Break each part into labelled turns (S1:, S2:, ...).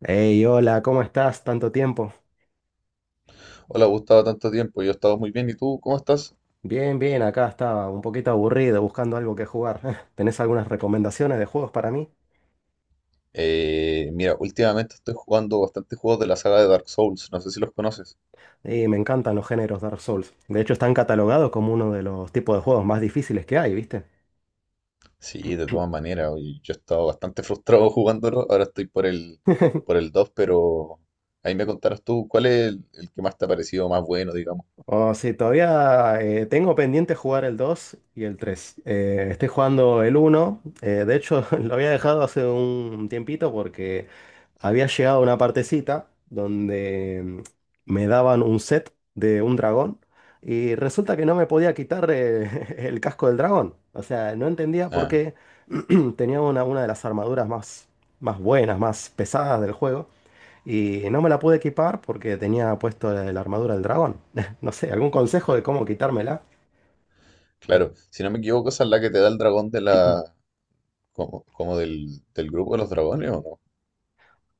S1: Hey, hola, ¿cómo estás? Tanto tiempo.
S2: Hola Gustavo, tanto tiempo. Yo he estado muy bien. ¿Y tú cómo estás?
S1: Bien, bien, acá estaba un poquito aburrido buscando algo que jugar. ¿Tenés algunas recomendaciones de juegos para mí?
S2: Mira, últimamente estoy jugando bastante juegos de la saga de Dark Souls. No sé si los conoces.
S1: Y me encantan los géneros Dark Souls. De hecho, están catalogados como uno de los tipos de juegos más difíciles que hay, ¿viste?
S2: Sí, de todas maneras, oye, yo he estado bastante frustrado jugándolo. Ahora estoy por el 2, pero ahí me contarás tú cuál es el que más te ha parecido más bueno, digamos.
S1: O si todavía tengo pendiente jugar el 2 y el 3. Estoy jugando el uno. De hecho, lo había dejado hace un tiempito porque había llegado a una partecita donde me daban un set de un dragón. Y resulta que no me podía quitar el casco del dragón. O sea, no entendía por
S2: Ah,
S1: qué tenía una de las armaduras más buenas, más pesadas del juego. Y no me la pude equipar porque tenía puesto la armadura del dragón. No sé, ¿algún consejo
S2: cl-
S1: de cómo quitármela?
S2: claro. Si no me equivoco, esa es la que te da el dragón de la, como del grupo de los dragones, ¿o no?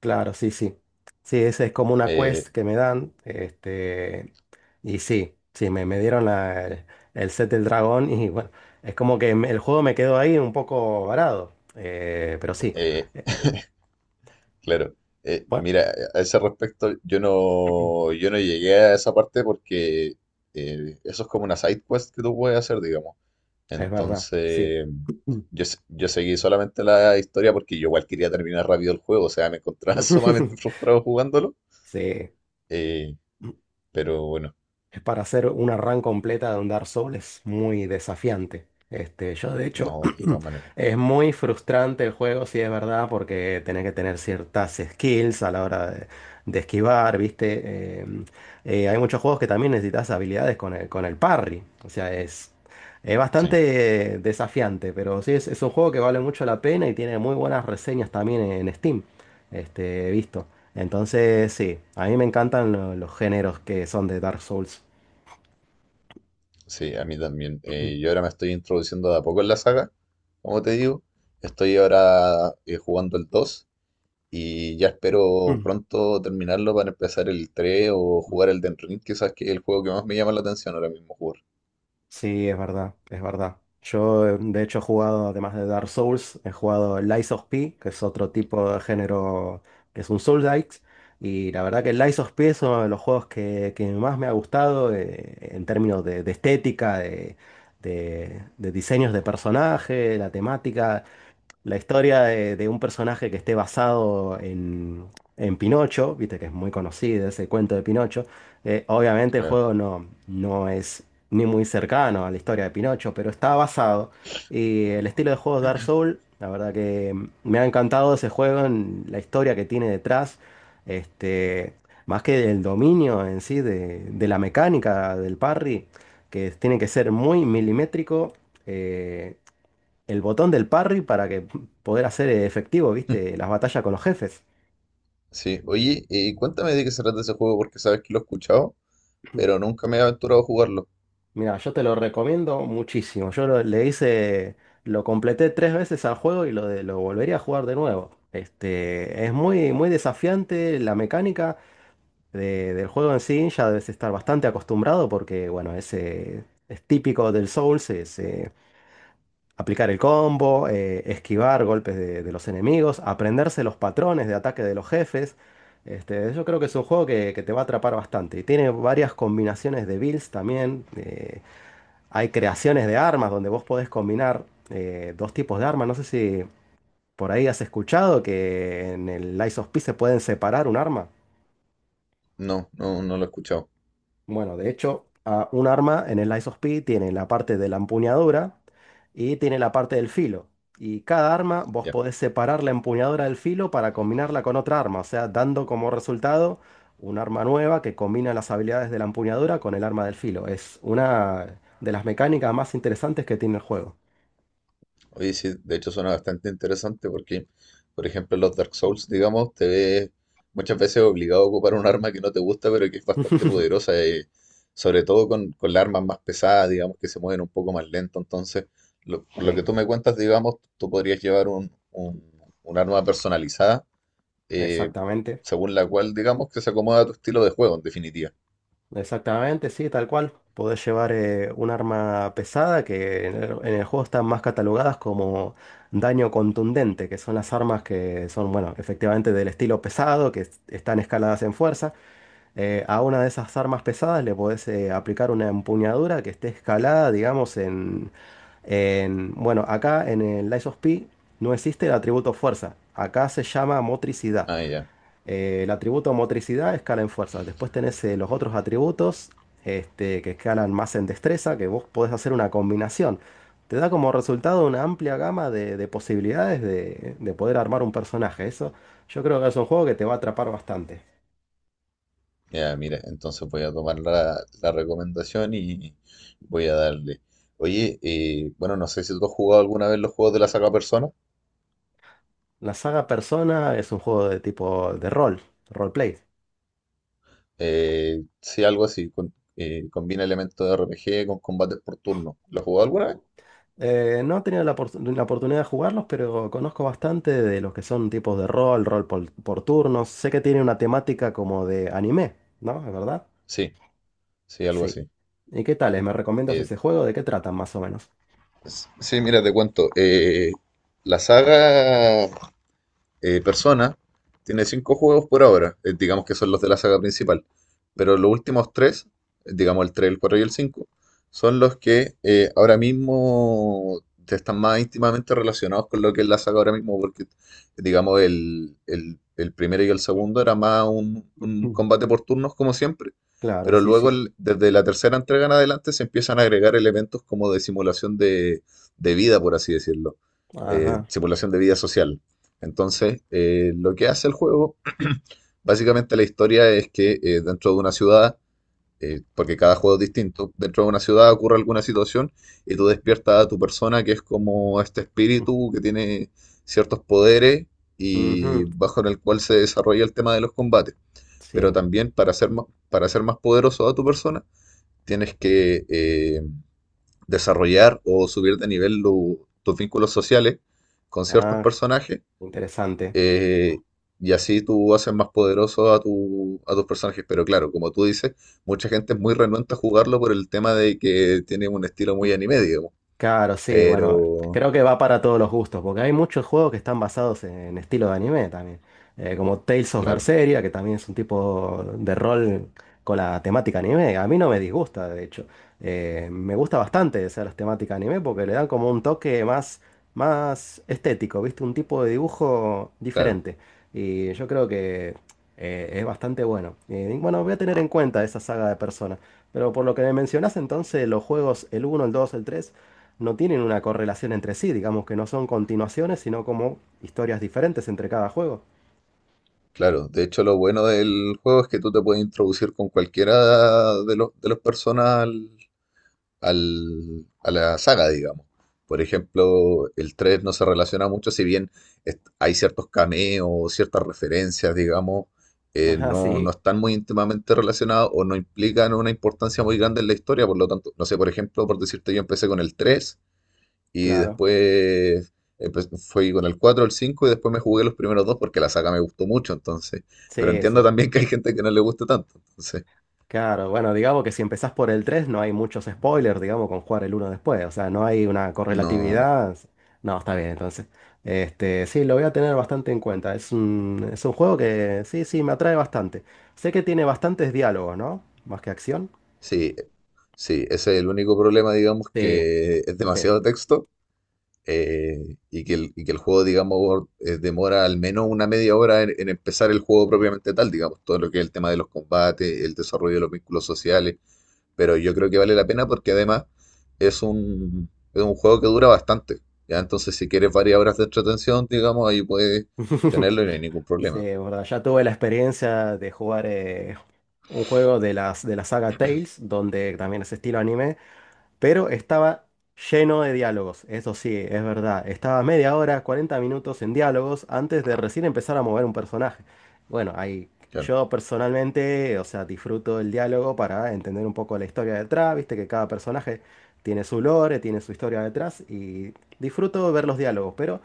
S1: Claro, sí, sí. Sí, esa es como una
S2: Eh,
S1: quest que me dan. Este, y sí, sí, me dieron el set del dragón y bueno, es como que el juego me quedó ahí un poco varado. Pero sí,
S2: eh,
S1: eh,
S2: Claro. Eh,
S1: bueno,
S2: mira, a ese respecto, yo no llegué a esa parte porque eso es como una side quest que tú puedes hacer, digamos.
S1: es verdad, sí.
S2: Entonces, yo seguí solamente la historia porque yo igual quería terminar rápido el juego, o sea, me encontraba sumamente frustrado jugándolo.
S1: Sí.
S2: Eh, pero bueno,
S1: Es para hacer una run completa de un Dark Souls muy desafiante. Este, yo de hecho,
S2: no, de todas maneras.
S1: es muy frustrante el juego, si es verdad, porque tenés que tener ciertas skills a la hora de esquivar, ¿viste? Eh, Hay muchos juegos que también necesitas habilidades con el parry. O sea, es
S2: Sí,
S1: bastante desafiante, pero sí, es un juego que vale mucho la pena y tiene muy buenas reseñas también en Steam. Este, he visto. Entonces, sí, a mí me encantan los géneros que son de Dark Souls.
S2: sí, a mí también.
S1: Mm,
S2: Yo ahora me estoy introduciendo de a poco en la saga, como te digo. Estoy ahora jugando el 2. Y ya espero
S1: mm,
S2: pronto terminarlo para empezar el 3 o
S1: mm.
S2: jugar el Elden Ring, quizás que es el juego que más me llama la atención ahora mismo jugar.
S1: Sí, es verdad, es verdad. Yo, de hecho, he jugado, además de Dark Souls, he jugado Lies of P, que es otro tipo de género que es un Souls-like. Y la verdad que Lies of P es uno de los juegos que más me ha gustado en términos de estética, de diseños de personaje, la temática. La historia de un personaje que esté basado en Pinocho, viste que es muy conocido ese cuento de Pinocho. Obviamente el
S2: Claro.
S1: juego no es ni muy cercano a la historia de Pinocho, pero está basado. Y el estilo de juego Dark Souls, la verdad que me ha encantado ese juego, en la historia que tiene detrás, este, más que del dominio en sí, de la mecánica del parry, que tiene que ser muy milimétrico. eh, el botón del parry para que poder hacer efectivo, ¿viste? Las batallas con los jefes.
S2: Sí, oye, cuéntame de qué se trata ese juego porque sabes que lo he escuchado, pero nunca me he aventurado a jugarlo.
S1: Mira, yo te lo recomiendo muchísimo. Yo le hice, lo completé tres veces al juego y lo volvería a jugar de nuevo. Este, es muy, muy desafiante la mecánica del juego en sí. Ya debes estar bastante acostumbrado porque, bueno, ese es típico del Souls. Aplicar el combo, esquivar golpes de los enemigos, aprenderse los patrones de ataque de los jefes. Este, yo creo que es un juego que te va a atrapar bastante. Y tiene varias combinaciones de builds también. Hay creaciones de armas donde vos podés combinar dos tipos de armas. No sé si por ahí has escuchado que en el Lies of P se pueden separar un arma.
S2: No, no, no lo he escuchado.
S1: Bueno, de hecho, un arma en el Lies of P tiene la parte de la empuñadura y tiene la parte del filo. Y cada arma vos podés separar la empuñadura del filo para combinarla con otra arma, o sea, dando como resultado un arma nueva que combina las habilidades de la empuñadura con el arma del filo. Es una de las mecánicas más interesantes que tiene el juego.
S2: Oye, sí, de hecho suena bastante interesante porque, por ejemplo, en los Dark Souls, digamos, te ves muchas veces obligado a ocupar un arma que no te gusta, pero que es bastante poderosa, sobre todo con las armas más pesadas, digamos, que se mueven un poco más lento. Entonces, por lo que
S1: Sí,
S2: tú me cuentas, digamos, tú podrías llevar un arma personalizada, eh,
S1: exactamente.
S2: según la cual, digamos, que se acomoda a tu estilo de juego, en definitiva.
S1: Exactamente, sí, tal cual. Podés llevar un arma pesada que en el juego están más catalogadas como daño contundente, que son las armas que son, bueno, efectivamente del estilo pesado, que están escaladas en fuerza. A una de esas armas pesadas le podés aplicar una empuñadura que esté escalada, digamos, en. Bueno, acá en el Lies of P no existe el atributo fuerza. Acá se llama motricidad.
S2: Ah, ya.
S1: El atributo motricidad escala en fuerza. Después tenés los otros atributos este, que escalan más en destreza, que vos podés hacer una combinación. Te da como resultado una amplia gama de posibilidades de poder armar un personaje. Eso yo creo que es un juego que te va a atrapar bastante.
S2: Ya, mira, entonces voy a tomar la recomendación y voy a darle. Oye, bueno, no sé si tú has jugado alguna vez los juegos de la saga Persona.
S1: La saga Persona es un juego de tipo de rol, roleplay.
S2: Sí, algo así, combina elementos de RPG con combates por turno. ¿Lo has jugado alguna vez?
S1: No he tenido la oportunidad de jugarlos, pero conozco bastante de los que son tipos de rol, rol por turnos. Sé que tiene una temática como de anime, ¿no? ¿Es verdad?
S2: Sí, sí, algo
S1: Sí.
S2: así.
S1: ¿Y qué tal? ¿Me recomiendas
S2: Eh,
S1: ese juego? ¿De qué tratan más o menos?
S2: sí, mira, te cuento. La saga Persona tiene cinco juegos por ahora, digamos que son los de la saga principal, pero los últimos tres, digamos el tres, el 4 y el 5 son los que ahora mismo están más íntimamente relacionados con lo que es la saga ahora mismo, porque digamos el primero y el
S1: Mm.
S2: segundo era más un
S1: Mm.
S2: combate por turnos como siempre,
S1: Claro,
S2: pero
S1: sí,
S2: luego
S1: sí.
S2: desde la tercera entrega en adelante se empiezan a agregar elementos como de simulación de vida, por así decirlo,
S1: Ajá.
S2: simulación de vida social. Entonces, lo que hace el juego, básicamente la historia es que dentro de una ciudad, porque cada juego es distinto, dentro de una ciudad ocurre alguna situación y tú
S1: Mm,
S2: despiertas a tu persona que es como este
S1: mm,
S2: espíritu que tiene ciertos poderes
S1: ujú.
S2: y bajo el cual se desarrolla el tema de los combates. Pero
S1: Sí.
S2: también para ser más poderoso a tu persona, tienes que desarrollar o subir de nivel tus vínculos sociales con ciertos
S1: Ah,
S2: personajes,
S1: interesante.
S2: eh, y así tú haces más poderoso a tus personajes. Pero claro, como tú dices, mucha gente es muy renuente a jugarlo por el tema de que tiene un estilo muy anime, digamos.
S1: Claro, sí, bueno,
S2: Pero,
S1: creo que va para todos los gustos, porque hay muchos juegos que están basados en estilo de anime también, como Tales of
S2: claro,
S1: Berseria, que también es un tipo de rol con la temática anime. A mí no me disgusta, de hecho. Me gusta bastante esa las temáticas anime porque le dan como un toque más, más estético, ¿viste? Un tipo de dibujo
S2: claro,
S1: diferente. Y yo creo que es bastante bueno. Y bueno, voy a tener en cuenta esa saga de personas, pero por lo que me mencionás entonces, los juegos, el uno, el 2, el 3 no tienen una correlación entre sí, digamos que no son continuaciones, sino como historias diferentes entre cada juego.
S2: claro. De hecho, lo bueno del juego es que tú te puedes introducir con cualquiera de los personas a la saga, digamos. Por ejemplo, el 3 no se relaciona mucho, si bien hay ciertos cameos, ciertas referencias, digamos,
S1: Ajá,
S2: no, no
S1: sí.
S2: están muy íntimamente relacionados o no implican una importancia muy grande en la historia, por lo tanto, no sé, por ejemplo,
S1: Mm,
S2: por decirte, yo empecé con el 3 y
S1: claro.
S2: después fui con el 4, el 5 y después me jugué
S1: Ujú.
S2: los primeros dos porque la saga me gustó mucho, entonces, pero
S1: Sí,
S2: entiendo
S1: sí.
S2: también que hay gente que no le guste tanto, entonces,
S1: Claro, bueno, digamos que si empezás por el 3 no hay muchos spoilers, digamos, con jugar el uno después, o sea, no hay una
S2: no,
S1: correlatividad. No, está bien, entonces. Este, sí, lo voy a tener bastante en cuenta. Es un juego que sí, sí, me atrae bastante. Sé que tiene bastantes diálogos, ¿no? Más que acción.
S2: sí. Sí, ese es el único problema, digamos,
S1: Sí,
S2: que es
S1: sí.
S2: demasiado texto, y que el juego, digamos, demora al menos una media hora en empezar el juego propiamente tal, digamos, todo lo que es el tema de los combates, el desarrollo de los vínculos sociales, pero yo creo que vale la pena porque además es es un juego que dura bastante, ¿ya? Entonces, si quieres varias horas de entretención, digamos, ahí puedes tenerlo y no hay ningún
S1: Sí,
S2: problema.
S1: es verdad. Ya tuve la experiencia de jugar un juego de la saga Tales, donde también es estilo anime, pero estaba lleno de diálogos. Eso sí, es verdad. Estaba media hora, 40 minutos en diálogos antes de recién empezar a mover un personaje. Bueno, ahí
S2: Claro,
S1: yo personalmente, o sea, disfruto el diálogo para entender un poco la historia detrás, viste que cada personaje tiene su lore, tiene su historia detrás y disfruto ver los diálogos. Pero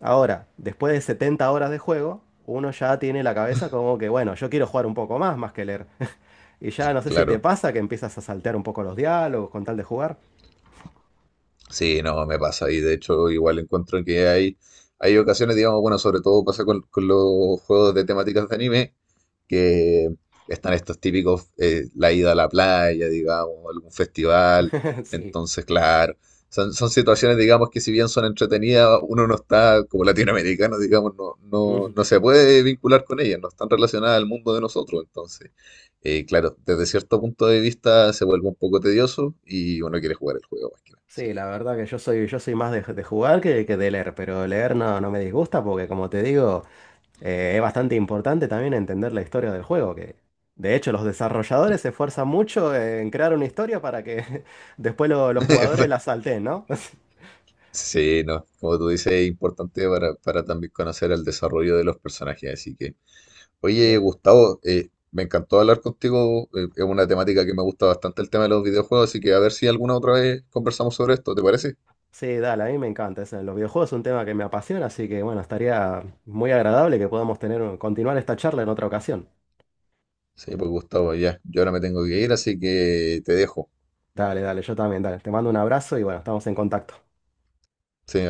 S1: ahora, después de 70 horas de juego, uno ya tiene la cabeza como que, bueno, yo quiero jugar un poco más, más que leer. Y ya no sé si te
S2: claro.
S1: pasa que empiezas a saltear un poco los diálogos con tal de jugar.
S2: Sí, no, me pasa. Y de hecho, igual encuentro que hay ocasiones, digamos, bueno, sobre todo pasa con los juegos de temáticas de anime, que están estos típicos, la ida a la playa, digamos, algún festival.
S1: Sí.
S2: Entonces, claro, son situaciones, digamos, que si bien son entretenidas, uno no está, como latinoamericano, digamos, no, no,
S1: Ujú.
S2: no se puede vincular con ellas, no están relacionadas al mundo de nosotros. Entonces, claro, desde cierto punto de vista se vuelve un poco tedioso y uno quiere jugar el juego más que nada. Así
S1: Sí,
S2: que
S1: la verdad que yo soy más de jugar que de leer, pero leer no me disgusta porque, como te digo, es bastante importante también entender la historia del juego, que de hecho los desarrolladores se esfuerzan mucho en crear una historia para que después los jugadores la salten, ¿no?
S2: sí, no, como tú dices, es importante para también conocer el desarrollo de los personajes. Así que,
S1: Sí,
S2: oye,
S1: es
S2: Gustavo, me encantó hablar contigo. Es una temática que me gusta bastante el tema de los videojuegos, así que a ver si alguna otra vez conversamos sobre esto, ¿te parece?
S1: sí, dale, a mí me encanta eso. Los videojuegos es un tema que me apasiona, así que bueno, estaría muy agradable que podamos tener, continuar esta charla en otra ocasión.
S2: Sí, pues Gustavo, ya, yo ahora me tengo que ir, así que te dejo.
S1: Dale, dale, yo también, dale. Te mando un abrazo y bueno, estamos en contacto.
S2: Sí,